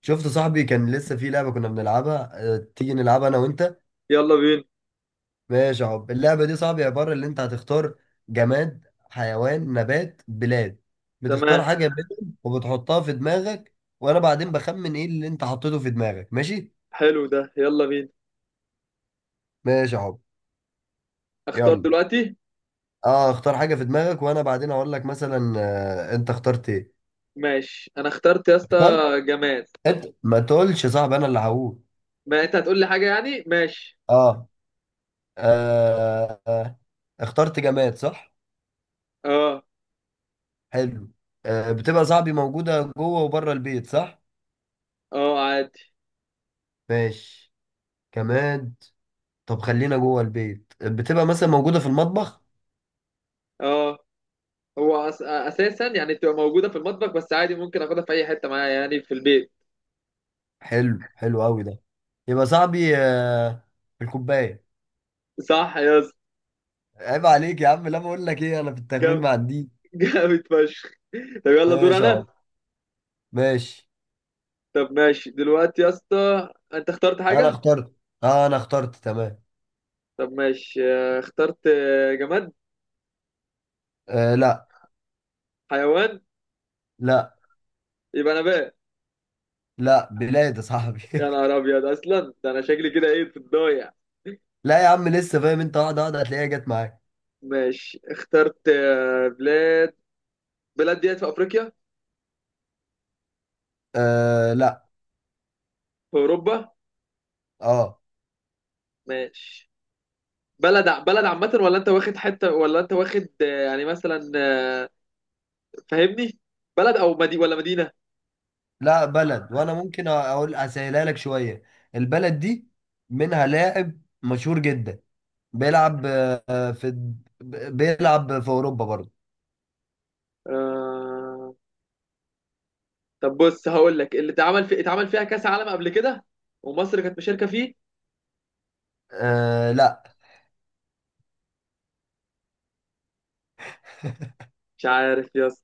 شفت صاحبي كان لسه في لعبة كنا بنلعبها. اه، تيجي نلعبها أنا وأنت. يلا بينا. ماشي يا حب. اللعبة دي صاحبي عبارة اللي أنت هتختار: جماد، حيوان، نبات، بلاد. بتختار تمام. حاجة منهم وبتحطها في دماغك، وأنا بعدين بخمن إيه اللي أنت حطيته في دماغك. ماشي. حلو ده، يلا بينا. ماشي يا حب. اختار يلا. دلوقتي. أه، اختار حاجة في دماغك وأنا بعدين أقول لك مثلا أنت اخترت إيه. ماشي، انا اخترت يا اسطى. اخترت. جماد. أنت ما تقولش يا صاحبي، أنا اللي هقول. ما انت هتقول لي حاجه يعني. ماشي. أه. آه، آه، اخترت جماد صح. اه. حلو. آه، بتبقى صاحبي موجودة جوه وبره البيت صح؟ اه، عادي. ماشي. كمان. طب خلينا جوه البيت، بتبقى مثلا موجودة في المطبخ؟ اه. هو اساسا يعني بتبقى موجوده في المطبخ، بس عادي ممكن اخدها في اي حته معايا يعني في البيت. حلو، حلو قوي ده. يبقى صاحبي في الكوباية. صح يا اسطى. عيب عليك يا عم، لا. بقول لك ايه، انا في التخمين جام- ما عنديش. جامد فشخ. طب يلا، دور ماشي يا انا. عم. ماشي. طب ماشي دلوقتي يا اسطى، انت اخترت انا حاجه. اخترت. اه انا اخترت تمام. طب ماشي، اخترت، جماد. آه لا. حيوان. لا. يبقى نبات. لا، بلاد يا صاحبي. يا نهار ابيض، اصلا ده انا شكلي كده ايه في الضايع. لا يا عم، لسه فاهم. انت واحدة واحدة هتلاقيها جت معاك. ماشي، اخترت، بلاد. بلاد ديت في افريقيا؟ آه لا. في اوروبا؟ اه. ماشي. بلد عامة ولا انت واخد حتة، ولا انت واخد، يعني مثلا، فاهمني؟ بلد او مدي ولا مدينة؟ لا، بلد. وانا ممكن اقول اسهلها لك شويه. البلد دي منها لاعب مشهور جدا، بيلعب آه، في بيلعب في اوروبا برضه. آه... طب بص، هقول لك اللي اتعمل في اتعمل فيها كاس عالم قبل كده، ومصر كانت مشاركة فيه. أه لا. مش عارف يا اسطى.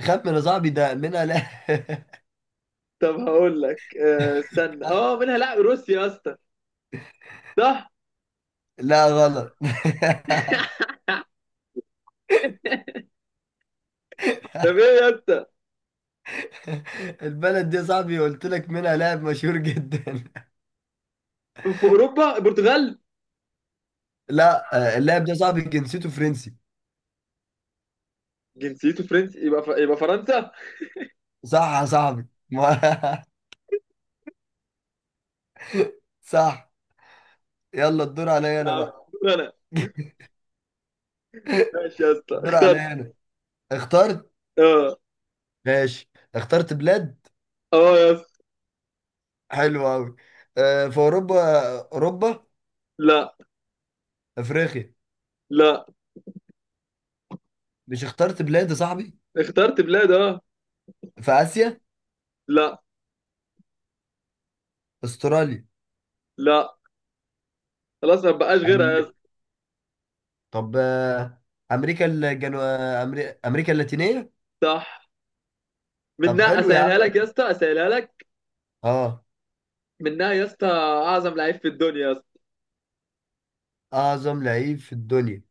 خمن يا صاحبي، ده منها لا. طب هقول لك استنى. اه. منها لا، روسيا يا اسطى؟ صح. لا غلط. طب ايه يا اسطى؟ البلد دي يا صاحبي قلت لك منها لاعب مشهور جدا. في اوروبا، البرتغال. لا. آه، اللاعب ده يا صاحبي جنسيته فرنسي. جنسيته فرنسي، يبقى فرنسا. صح يا صاحبي. صح. يلا الدور عليا يا انا عم، بقى. دور انا. ماشي يا اسطى الدور اخترت. عليا انا. اخترت. اه. ماشي. اخترت بلاد. اه يا اسطى. حلو قوي. آه، في اوروبا. اوروبا. لا افريقيا. لا. مش اخترت بلاد يا صاحبي؟ اخترت بلاد، اه. في اسيا. لا استراليا. لا. خلاص، ما بقاش غيرها يا أمريكا. اسطى. طب آه، امريكا امريكا اللاتينيه. صح. طب منها حلو يا اسهلها عم. لك يا اسطى، اسهلها لك. اه. منها يا اسطى اعظم لعيب في الدنيا يا اسطى. اعظم لعيب في الدنيا.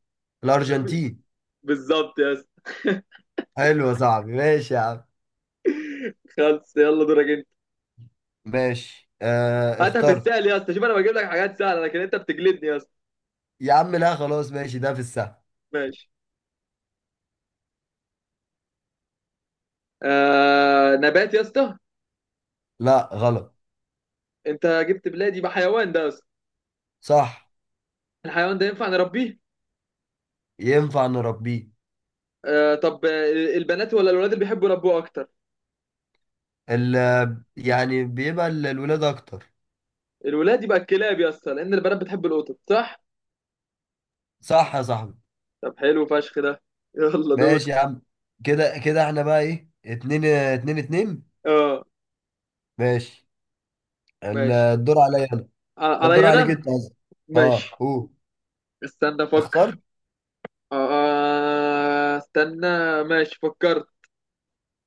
الارجنتين. بالظبط يا اسطى. حلو يا صاحبي. ماشي يا عم. خلص. يلا دورك انت. ماشي. آه هاتها في اخترت. السهل يا اسطى، شوف انا بجيب لك حاجات سهله، لكن انت بتجلدني يا اسطى. يا عم لا، خلاص ماشي ده في السهل. ماشي. نبات يا اسطى. لا غلط. انت جبت بلادي بحيوان ده يا اسطى. صح. الحيوان ده ينفع نربيه. ينفع نربيه. آه. طب، البنات ولا الولاد اللي بيحبوا يربوه اكتر؟ ال... يعني بيبقى الولاد اكتر. الولاد، يبقى الكلاب يا اسطى، لان البنات بتحب القطط، صح. صح يا صاحبي. طب حلو فشخ ده. يلا دور. ماشي يا عم. كده احنا بقى ايه، اتنين اتنين اتنين. اه. ماشي. ماشي. الدور عليا انا. الدور عليا عليك انا. انت قصدي. ماشي، اه قول. استنى افكر. اخترت. استنى. ماشي فكرت.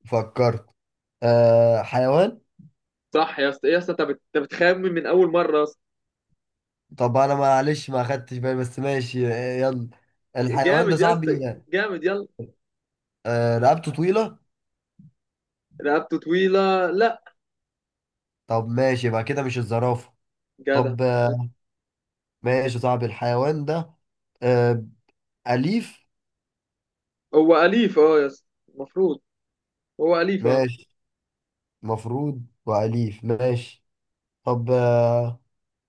فكرت. آه حيوان. صح يا اسطى. إيه يا اسطى، انت أنت بتخمن من اول مره يا اسطى. طب انا معلش ما خدتش بالي، بس ماشي. يلا. الحيوان ده جامد يا اسطى، صاحبي جامد، يلا. آه، رقبته طويلة. رقبته طويله؟ لا. طب ماشي، يبقى كده مش الزرافة. جدع. طب آه. ماشي يا صاحبي الحيوان ده آه، أليف. هو اليف، اه يا اسطى، المفروض هو اليف، اه. ماشي. مفروض وأليف. ماشي. طب آه.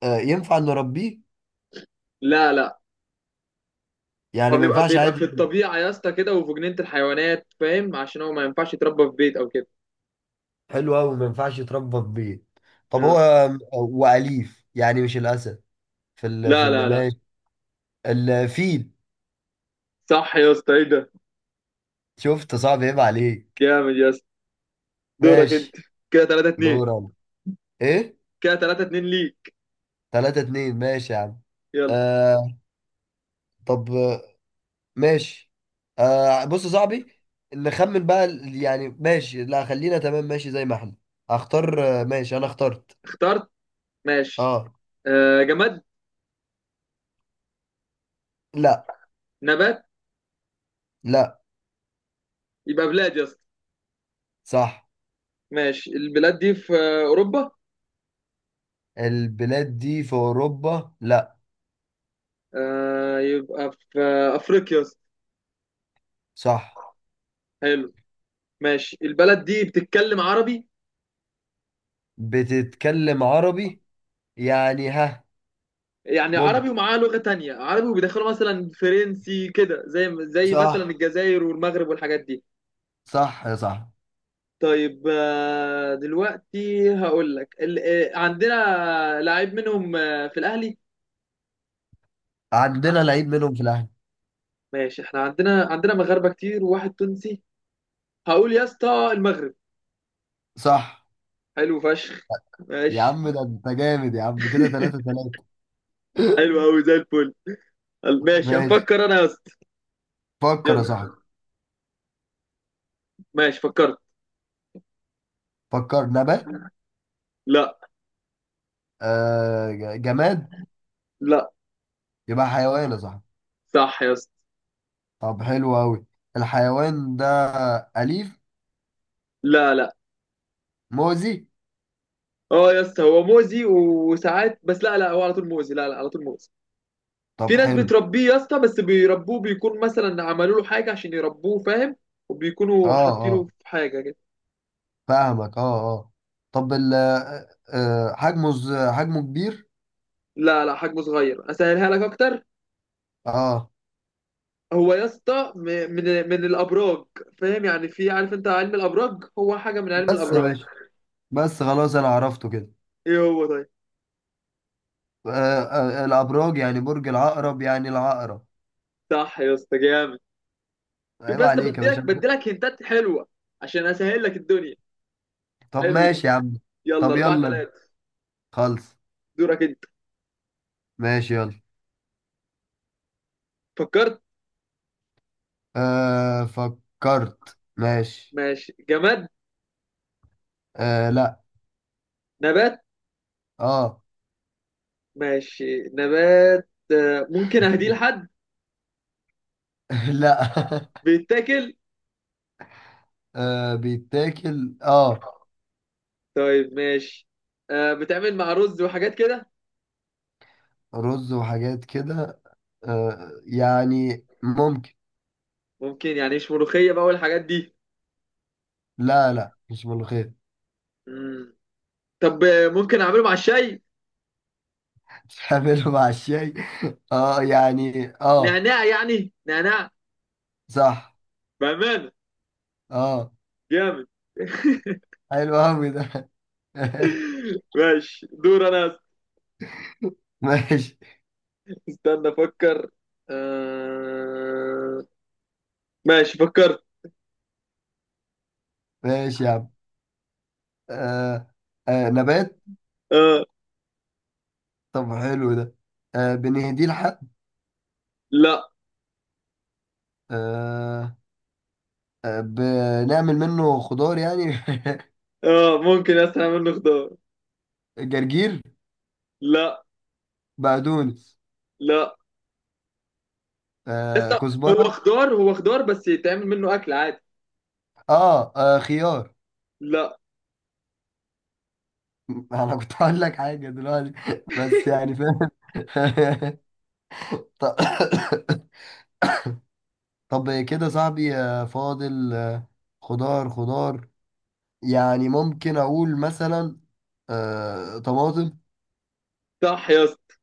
آه ينفع نربيه. لا لا. هو يعني ما بيبقى ينفعش بيبقى في عادي. الطبيعة يا اسطى كده، وفي جنينة الحيوانات، فاهم؟ عشان هو ما ينفعش يتربى في بيت أو كده. حلو قوي. ما ينفعش يتربى في بيت. طب هو آه. واليف، يعني مش الاسد. لا لا لا. ماشي. الفيل. صح يا اسطى، إيه ده. شفت، صعب. عيب عليك. جامد يا اسطى. دورك أنت. ماشي. كده 3-2. دور انا. ايه. كده 3-2 ليك. 3-2 ماشي يا عم. يلا. آه. طب ماشي. آه بص يا صاحبي، نخمن بقى يعني ماشي لا خلينا تمام، ماشي زي ما احنا. هختار ماشي انا اخترت. اخترت. ماشي. اه. آه، جماد. لا. نبات. لا. يبقى بلاد يا اسطى. صح. ماشي، البلاد دي في أوروبا؟ البلاد دي في اوروبا؟ لا. آه، يبقى في أفريقيا يا اسطى. صح. حلو. ماشي، البلد دي بتتكلم عربي. بتتكلم عربي؟ يعني ها. يعني عربي ممكن. ومعاه لغة تانية، عربي وبيدخلوا مثلا فرنسي كده، زي مثلا صح. الجزائر والمغرب والحاجات دي. صح يا صاحبي. طيب، دلوقتي هقول لك عندنا لعيب منهم، في الأهلي. عندنا لعيب منهم في الاهلي. ماشي، احنا عندنا مغاربة كتير وواحد تونسي. هقول يا اسطى المغرب. صح. حلو فشخ. يا ماشي. عم ده انت جامد يا عم، كده 3-3. حلو قوي زي الفل. ماشي، ماشي. هفكر انا يا اسطى. فكر يا صاحبي. يلا. ماشي فكرت. فكر. نبات. لا. آه جماد. لا. يبقى حيوان يا صاحبي. صح يا اسطى. طب حلو قوي. الحيوان ده أليف. لا لا. مؤذي. اه يا اسطى، هو مؤذي وساعات، بس لا لا، هو على طول مؤذي، لا لا، على طول مؤذي. طب في ناس حلو. بتربيه يا اسطى، بس بيربوه، بيكون مثلا عملوا له حاجه عشان يربوه، فاهم؟ وبيكونوا اه حاطينه في اه. حاجه كده. فاهمك، اه اه. طب ال آه، آه، حجمه حجمه كبير. لا لا، حجمه صغير، اسهلها لك اكتر. اه. هو يا اسطى من الابراج. فاهم يعني؟ في، عارف انت علم الابراج، هو حاجه من علم بس يا الابراج. باشا. بس خلاص انا عرفته كده. ايه هو؟ طيب. آه، الابراج، يعني برج العقرب، يعني العقرب. صح يا اسطى، جامد. شوف عيب يا اسطى، عليك يا بديلك باشا. بديلك هنتات حلوه عشان اسهل لك الدنيا. طب حلو ده. ماشي يا عم. يلا طب 4 يلا انت. 3 خلص. دورك انت. ماشي. يلا. فكرت. أه فكرت. ماشي. ماشي، جماد. أه لا. نبات. اه. ماشي، نبات، ممكن اهديه لحد؟ لا. بيتاكل؟ أه بيتاكل اه. طيب ماشي. بتعمل مع رز وحاجات كده؟ رز وحاجات كده. أه يعني ممكن. ممكن يعني، مش ملوخية بقى والحاجات دي. لا لا، مش ملوخية. مم. طب ممكن اعمله مع الشاي؟ تعمله مع الشاي. اه يعني اه. نعناع يعني، نعناع. صح. بأمانة. اه. جامد. حلو قوي ده. ماشي دور انا. ماشي. استنى افكر. آه... ماشي فكرت. ماشي يا عم. آه. آه نبات. آه، طب حلو ده. آه بنهديه لحد. لا. آه. آه بنعمل منه خضار يعني. ممكن. استنى، منه خضار. جرجير. لا بقدونس. لا. آه لسه. هو كزبرة. خضار، هو خضار، بس يتعمل منه اكل عادي. آه، اه خيار. لا. انا كنت هقول لك حاجة دلوقتي. بس يعني فاهم. طب. طب كده صاحبي فاضل خضار خضار. يعني ممكن اقول مثلا آه طماطم. صح يا اسطى.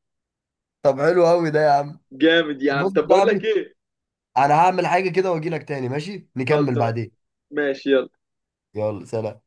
طب حلو قوي ده يا عم. جامد يا طب عم، بص يا طب بقول لك صاحبي، ايه. انا هعمل حاجة كده واجي لك تاني ماشي، خلص. نكمل بعدين. ماشي يلا. يلا سلام.